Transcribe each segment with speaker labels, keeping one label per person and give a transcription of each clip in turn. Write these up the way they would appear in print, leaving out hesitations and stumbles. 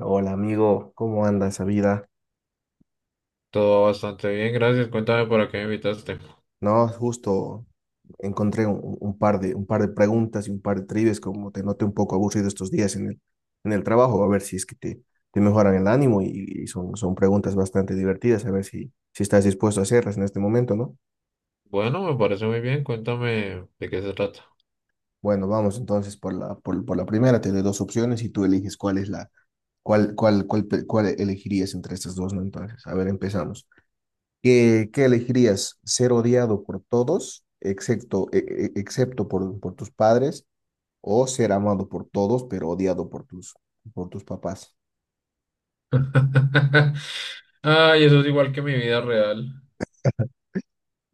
Speaker 1: Hola amigo, ¿cómo anda esa vida?
Speaker 2: Todo bastante bien, gracias. Cuéntame para qué me invitaste.
Speaker 1: No, justo encontré un par de preguntas y un par de trivias, como te noté un poco aburrido estos días en el trabajo, a ver si es que te mejoran el ánimo y son preguntas bastante divertidas, a ver si estás dispuesto a hacerlas en este momento, ¿no?
Speaker 2: Bueno, me parece muy bien. Cuéntame de qué se trata.
Speaker 1: Bueno, vamos entonces por la primera, te doy dos opciones y tú eliges cuál es la, cuál, cuál, cuál, pe- cuál elegirías entre estas dos, ¿no? Entonces, a ver, empezamos. Qué elegirías? ¿Ser odiado por todos, excepto, excepto por tus padres, o ser amado por todos, pero odiado por por tus papás?
Speaker 2: Ay, eso es igual que mi vida real.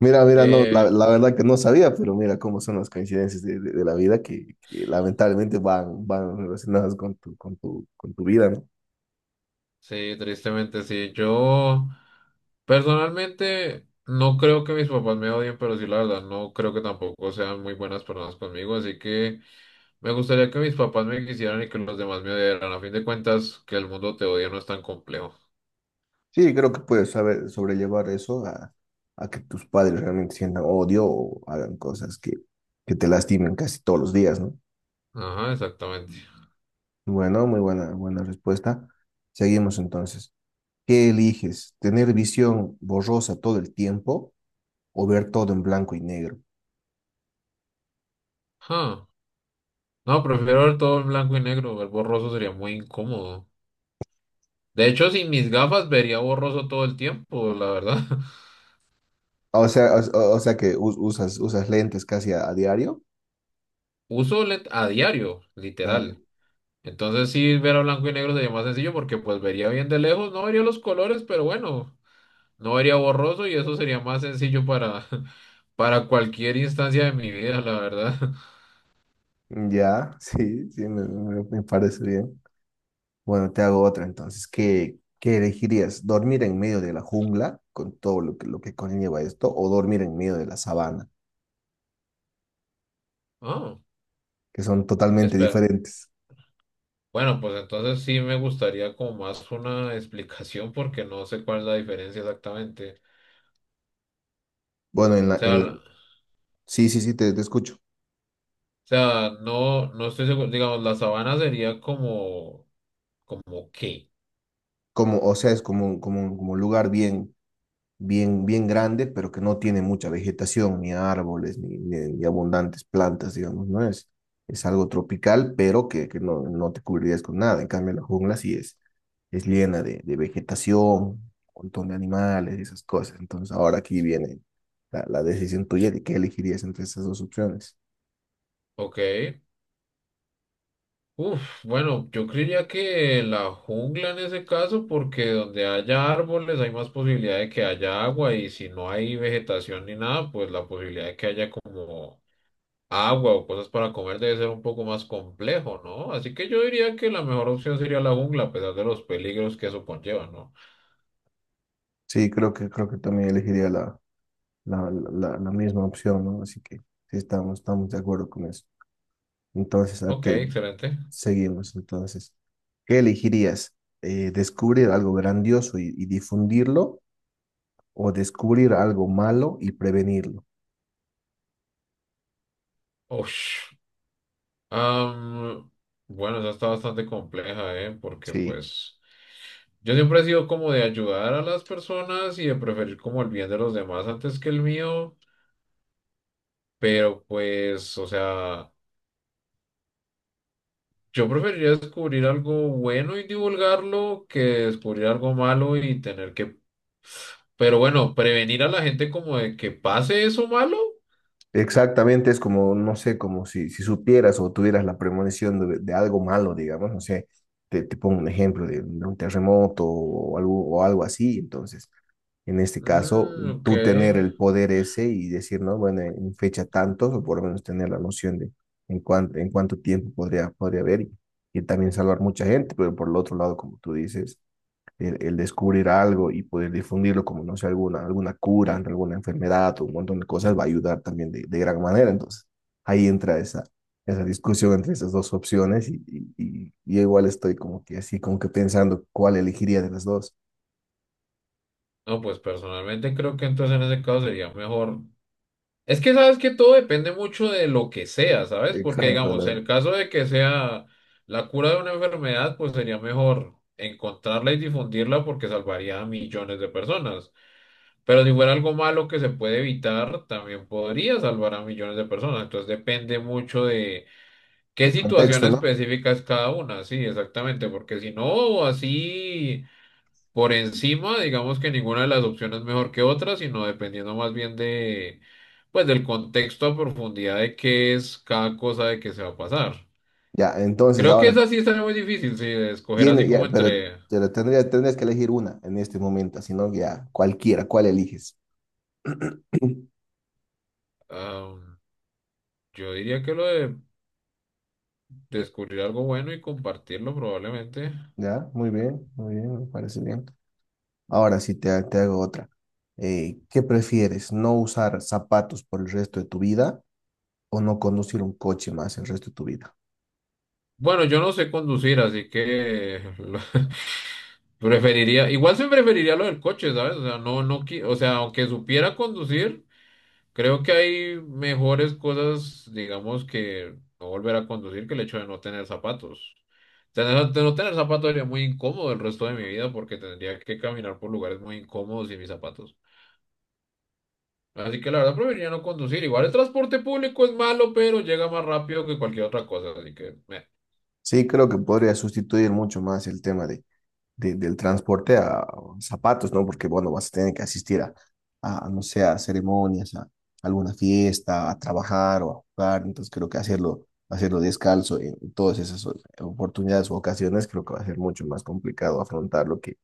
Speaker 1: Mira, no,
Speaker 2: Eh,
Speaker 1: la verdad que no sabía, pero mira cómo son las coincidencias de la vida que lamentablemente van relacionadas con con tu vida, ¿no?
Speaker 2: sí, tristemente sí. Yo personalmente no creo que mis papás me odien, pero sí, la verdad, no creo que tampoco sean muy buenas personas conmigo. Así que me gustaría que mis papás me quisieran y que los demás me odiaran. A fin de cuentas, que el mundo te odia no es tan complejo.
Speaker 1: Sí, creo que puedes saber sobrellevar eso a que tus padres realmente sientan odio o hagan cosas que te lastimen casi todos los días, ¿no?
Speaker 2: Ajá, exactamente.
Speaker 1: Bueno, buena respuesta. Seguimos entonces. ¿Qué eliges? ¿Tener visión borrosa todo el tiempo o ver todo en blanco y negro?
Speaker 2: Huh. No, prefiero ver todo en blanco y negro. Ver borroso sería muy incómodo. De hecho, sin mis gafas vería borroso todo el tiempo, la verdad.
Speaker 1: O sea que usas usas lentes casi a diario.
Speaker 2: Uso lent a diario,
Speaker 1: Ah, ya.
Speaker 2: literal. Entonces sí, ver a blanco y negro sería más sencillo porque pues vería bien de lejos, no vería los colores, pero bueno, no vería borroso y eso sería más sencillo para, para cualquier instancia de mi vida, la verdad.
Speaker 1: Ya, sí, me parece bien. Bueno, te hago otra entonces. Qué elegirías? ¿Dormir en medio de la jungla con todo lo lo que conlleva esto o dormir en medio de la sabana,
Speaker 2: Ah,
Speaker 1: que son totalmente
Speaker 2: espera.
Speaker 1: diferentes?
Speaker 2: Bueno, pues entonces sí me gustaría como más una explicación porque no sé cuál es la diferencia exactamente.
Speaker 1: Bueno, en
Speaker 2: O
Speaker 1: la, en la...
Speaker 2: sea,
Speaker 1: Sí, sí, sí, te escucho.
Speaker 2: sea, no, no estoy seguro. Digamos, la sabana sería como, como qué,
Speaker 1: Como, o sea, es como, como un lugar bien grande, pero que no tiene mucha vegetación, ni árboles, ni abundantes plantas, digamos, ¿no? Es algo tropical, pero que no, no te cubrirías con nada. En cambio, la jungla sí es llena de vegetación, un montón de animales y esas cosas. Entonces, ahora aquí viene la decisión tuya de qué elegirías entre esas dos opciones.
Speaker 2: ¿ok? Uf, bueno, yo creería que la jungla en ese caso, porque donde haya árboles hay más posibilidad de que haya agua y si no hay vegetación ni nada, pues la posibilidad de que haya como agua o cosas para comer debe ser un poco más complejo, ¿no? Así que yo diría que la mejor opción sería la jungla, a pesar de los peligros que eso conlleva, ¿no?
Speaker 1: Sí, creo que también elegiría la misma opción, ¿no? Así que sí, estamos de acuerdo con eso. Entonces,
Speaker 2: Ok, excelente.
Speaker 1: seguimos. Entonces, ¿qué elegirías? ¿descubrir algo grandioso y difundirlo o descubrir algo malo y prevenirlo?
Speaker 2: Uf. Am, bueno, esa está bastante compleja, ¿eh? Porque
Speaker 1: Sí.
Speaker 2: pues yo siempre he sido como de ayudar a las personas y de preferir como el bien de los demás antes que el mío, pero pues, o sea, yo preferiría descubrir algo bueno y divulgarlo que descubrir algo malo y tener que, pero bueno, prevenir a la gente como de que pase eso malo.
Speaker 1: Exactamente, es como, no sé, como si supieras o tuvieras la premonición de algo malo, digamos, no sé, te pongo un ejemplo de un terremoto o algo así, entonces, en este caso,
Speaker 2: Mm, ok.
Speaker 1: tú tener el poder ese y decir, no, bueno, en fecha tantos, o por lo menos tener la noción de en cuánto tiempo podría haber y también salvar mucha gente, pero por el otro lado, como tú dices, el descubrir algo y poder difundirlo como, no sé, alguna cura ante alguna enfermedad o un montón de cosas va a ayudar también de gran manera. Entonces, ahí entra esa discusión entre esas dos opciones y igual estoy como que así, como que pensando cuál elegiría de las dos.
Speaker 2: No, pues personalmente creo que entonces en ese caso sería mejor. Es que sabes que todo depende mucho de lo que sea, ¿sabes? Porque
Speaker 1: Exacto,
Speaker 2: digamos,
Speaker 1: la-
Speaker 2: en el caso de que sea la cura de una enfermedad, pues sería mejor encontrarla y difundirla porque salvaría a millones de personas. Pero si fuera algo malo que se puede evitar, también podría salvar a millones de personas. Entonces depende mucho de qué
Speaker 1: el
Speaker 2: situación
Speaker 1: contexto, ¿no?
Speaker 2: específica es cada una. Sí, exactamente, porque si no, así por encima, digamos que ninguna de las opciones es mejor que otra, sino dependiendo más bien de, pues, del contexto a profundidad de qué es cada cosa de que se va a pasar.
Speaker 1: Ya, entonces
Speaker 2: Creo que
Speaker 1: ahora
Speaker 2: esa sí está muy difícil, sí, de escoger así
Speaker 1: tiene,
Speaker 2: como
Speaker 1: ya, pero,
Speaker 2: entre,
Speaker 1: tendrías que elegir una en este momento, si no, ya cualquiera, ¿cuál eliges?
Speaker 2: am, yo diría que lo de descubrir algo bueno y compartirlo probablemente.
Speaker 1: Ya, muy bien, me parece bien. Ahora sí te hago otra. ¿Qué prefieres? ¿No usar zapatos por el resto de tu vida o no conducir un coche más el resto de tu vida?
Speaker 2: Bueno, yo no sé conducir, así que lo- preferiría, igual se preferiría lo del coche, ¿sabes? O sea, no, no, qui- o sea, aunque supiera conducir. Creo que hay mejores cosas, digamos, que no volver a conducir que el hecho de no tener zapatos. Tener, de no tener zapatos sería muy incómodo el resto de mi vida porque tendría que caminar por lugares muy incómodos sin mis zapatos. Así que la verdad preferiría no conducir. Igual el transporte público es malo, pero llega más rápido que cualquier otra cosa. Así que, meh.
Speaker 1: Sí, creo que podría sustituir mucho más el tema del transporte a zapatos, ¿no? Porque, bueno, vas a tener que asistir a, no sé, a ceremonias, a alguna fiesta, a trabajar o a jugar. Entonces, creo que hacerlo descalzo en todas esas oportunidades o ocasiones, creo que va a ser mucho más complicado afrontarlo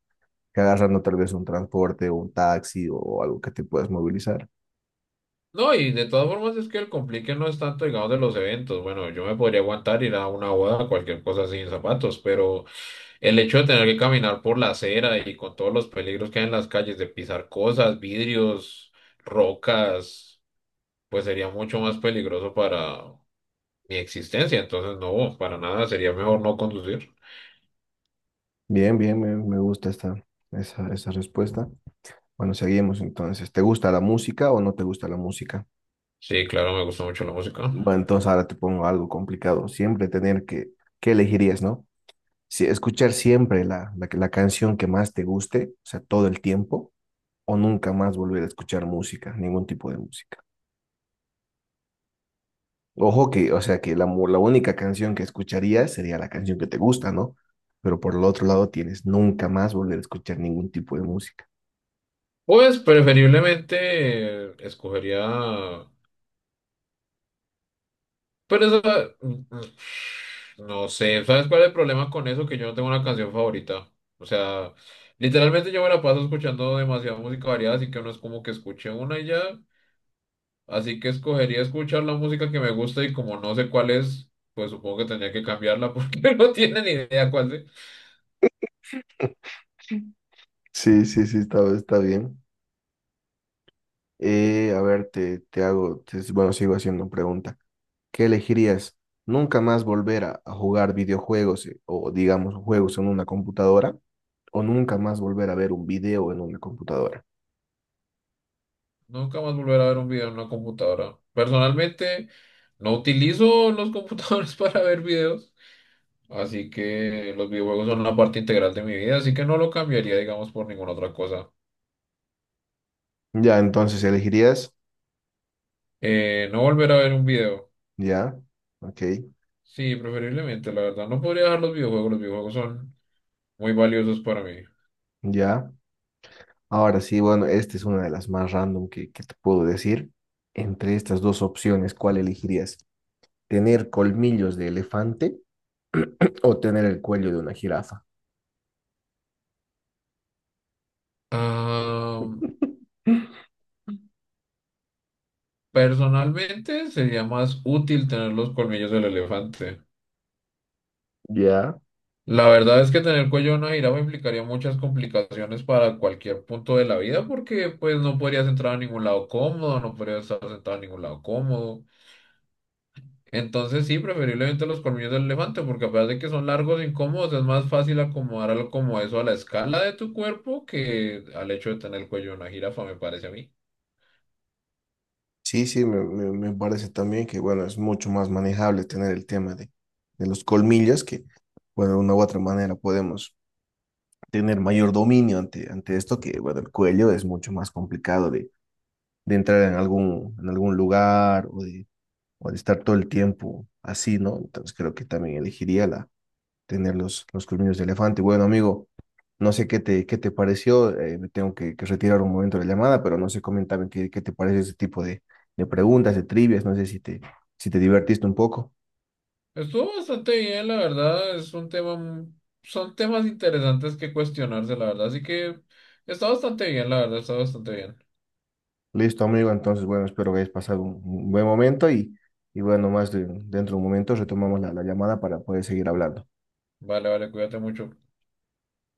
Speaker 1: que agarrando tal vez un transporte o un taxi o algo que te puedas movilizar.
Speaker 2: No, y de todas formas es que el complique no es tanto, digamos, de los eventos. Bueno, yo me podría aguantar ir a una boda, cualquier cosa sin zapatos, pero el hecho de tener que caminar por la acera y con todos los peligros que hay en las calles, de pisar cosas, vidrios, rocas, pues sería mucho más peligroso para mi existencia. Entonces, no, para nada, sería mejor no conducir.
Speaker 1: Bien, bien, me gusta esa respuesta. Bueno, seguimos entonces. ¿Te gusta la música o no te gusta la música?
Speaker 2: Sí, claro, me gusta mucho la música.
Speaker 1: Bueno, entonces ahora te pongo algo complicado. Siempre tener que, ¿qué elegirías, no? Si escuchar siempre la canción que más te guste, o sea, todo el tiempo, o nunca más volver a escuchar música, ningún tipo de música. Ojo que, o sea, que la única canción que escucharías sería la canción que te gusta, ¿no? Pero por el otro lado tienes nunca más volver a escuchar ningún tipo de música.
Speaker 2: Pues preferiblemente escogería. Pero eso, no sé, ¿sabes cuál es el problema con eso? Que yo no tengo una canción favorita. O sea, literalmente yo me la paso escuchando demasiada música variada, así que no es como que escuche una y ya. Así que escogería escuchar la música que me gusta y como no sé cuál es, pues supongo que tendría que cambiarla porque no tiene ni idea cuál es.
Speaker 1: Sí, sí, sí, sí, está, está bien. A ver, bueno, sigo haciendo pregunta. ¿Qué elegirías? ¿Nunca más volver a jugar videojuegos o, digamos, juegos en una computadora? ¿O nunca más volver a ver un video en una computadora?
Speaker 2: Nunca más volver a ver un video en una computadora. Personalmente, no utilizo los computadores para ver videos. Así que los videojuegos son una parte integral de mi vida, así que no lo cambiaría, digamos, por ninguna otra cosa.
Speaker 1: Ya, entonces elegirías,
Speaker 2: No volver a ver un video.
Speaker 1: ya, ok,
Speaker 2: Sí, preferiblemente, la verdad. No podría dejar los videojuegos son muy valiosos para mí.
Speaker 1: ya. Ahora sí, bueno, esta es una de las más random que te puedo decir. Entre estas dos opciones, ¿cuál elegirías? ¿Tener colmillos de elefante o tener el cuello de una jirafa?
Speaker 2: Ah, personalmente sería más útil tener los colmillos del elefante.
Speaker 1: Ya.
Speaker 2: La verdad es que tener el cuello de una jirafa implicaría muchas complicaciones para cualquier punto de la vida porque pues no podrías entrar a ningún lado cómodo, no podrías estar sentado en ningún lado cómodo. Entonces sí, preferiblemente los colmillos del elefante, porque a pesar de que son largos e incómodos, es más fácil acomodar algo como eso a la escala de tu cuerpo que al hecho de tener el cuello de una jirafa, me parece a mí.
Speaker 1: Sí, sí, me parece también que, bueno, es mucho más manejable tener el tema de los colmillos, que, bueno, de una u otra manera podemos tener mayor dominio ante, ante esto, que, bueno, el cuello es mucho más complicado de entrar en algún lugar o de estar todo el tiempo así, ¿no? Entonces creo que también elegiría la, tener los colmillos de elefante. Bueno, amigo, no sé qué te pareció, me tengo que retirar un momento de la llamada, pero no sé, coméntame qué te parece ese tipo de preguntas, de trivias, no sé si si te divertiste un poco.
Speaker 2: Estuvo bastante bien, la verdad, es un tema, mu- son temas interesantes que cuestionarse, la verdad, así que está bastante bien, la verdad, está bastante bien.
Speaker 1: Listo, amigo, entonces, bueno, espero que hayas pasado un buen momento y bueno, dentro de un momento retomamos la llamada para poder seguir hablando.
Speaker 2: Vale, vale, cuídate mucho.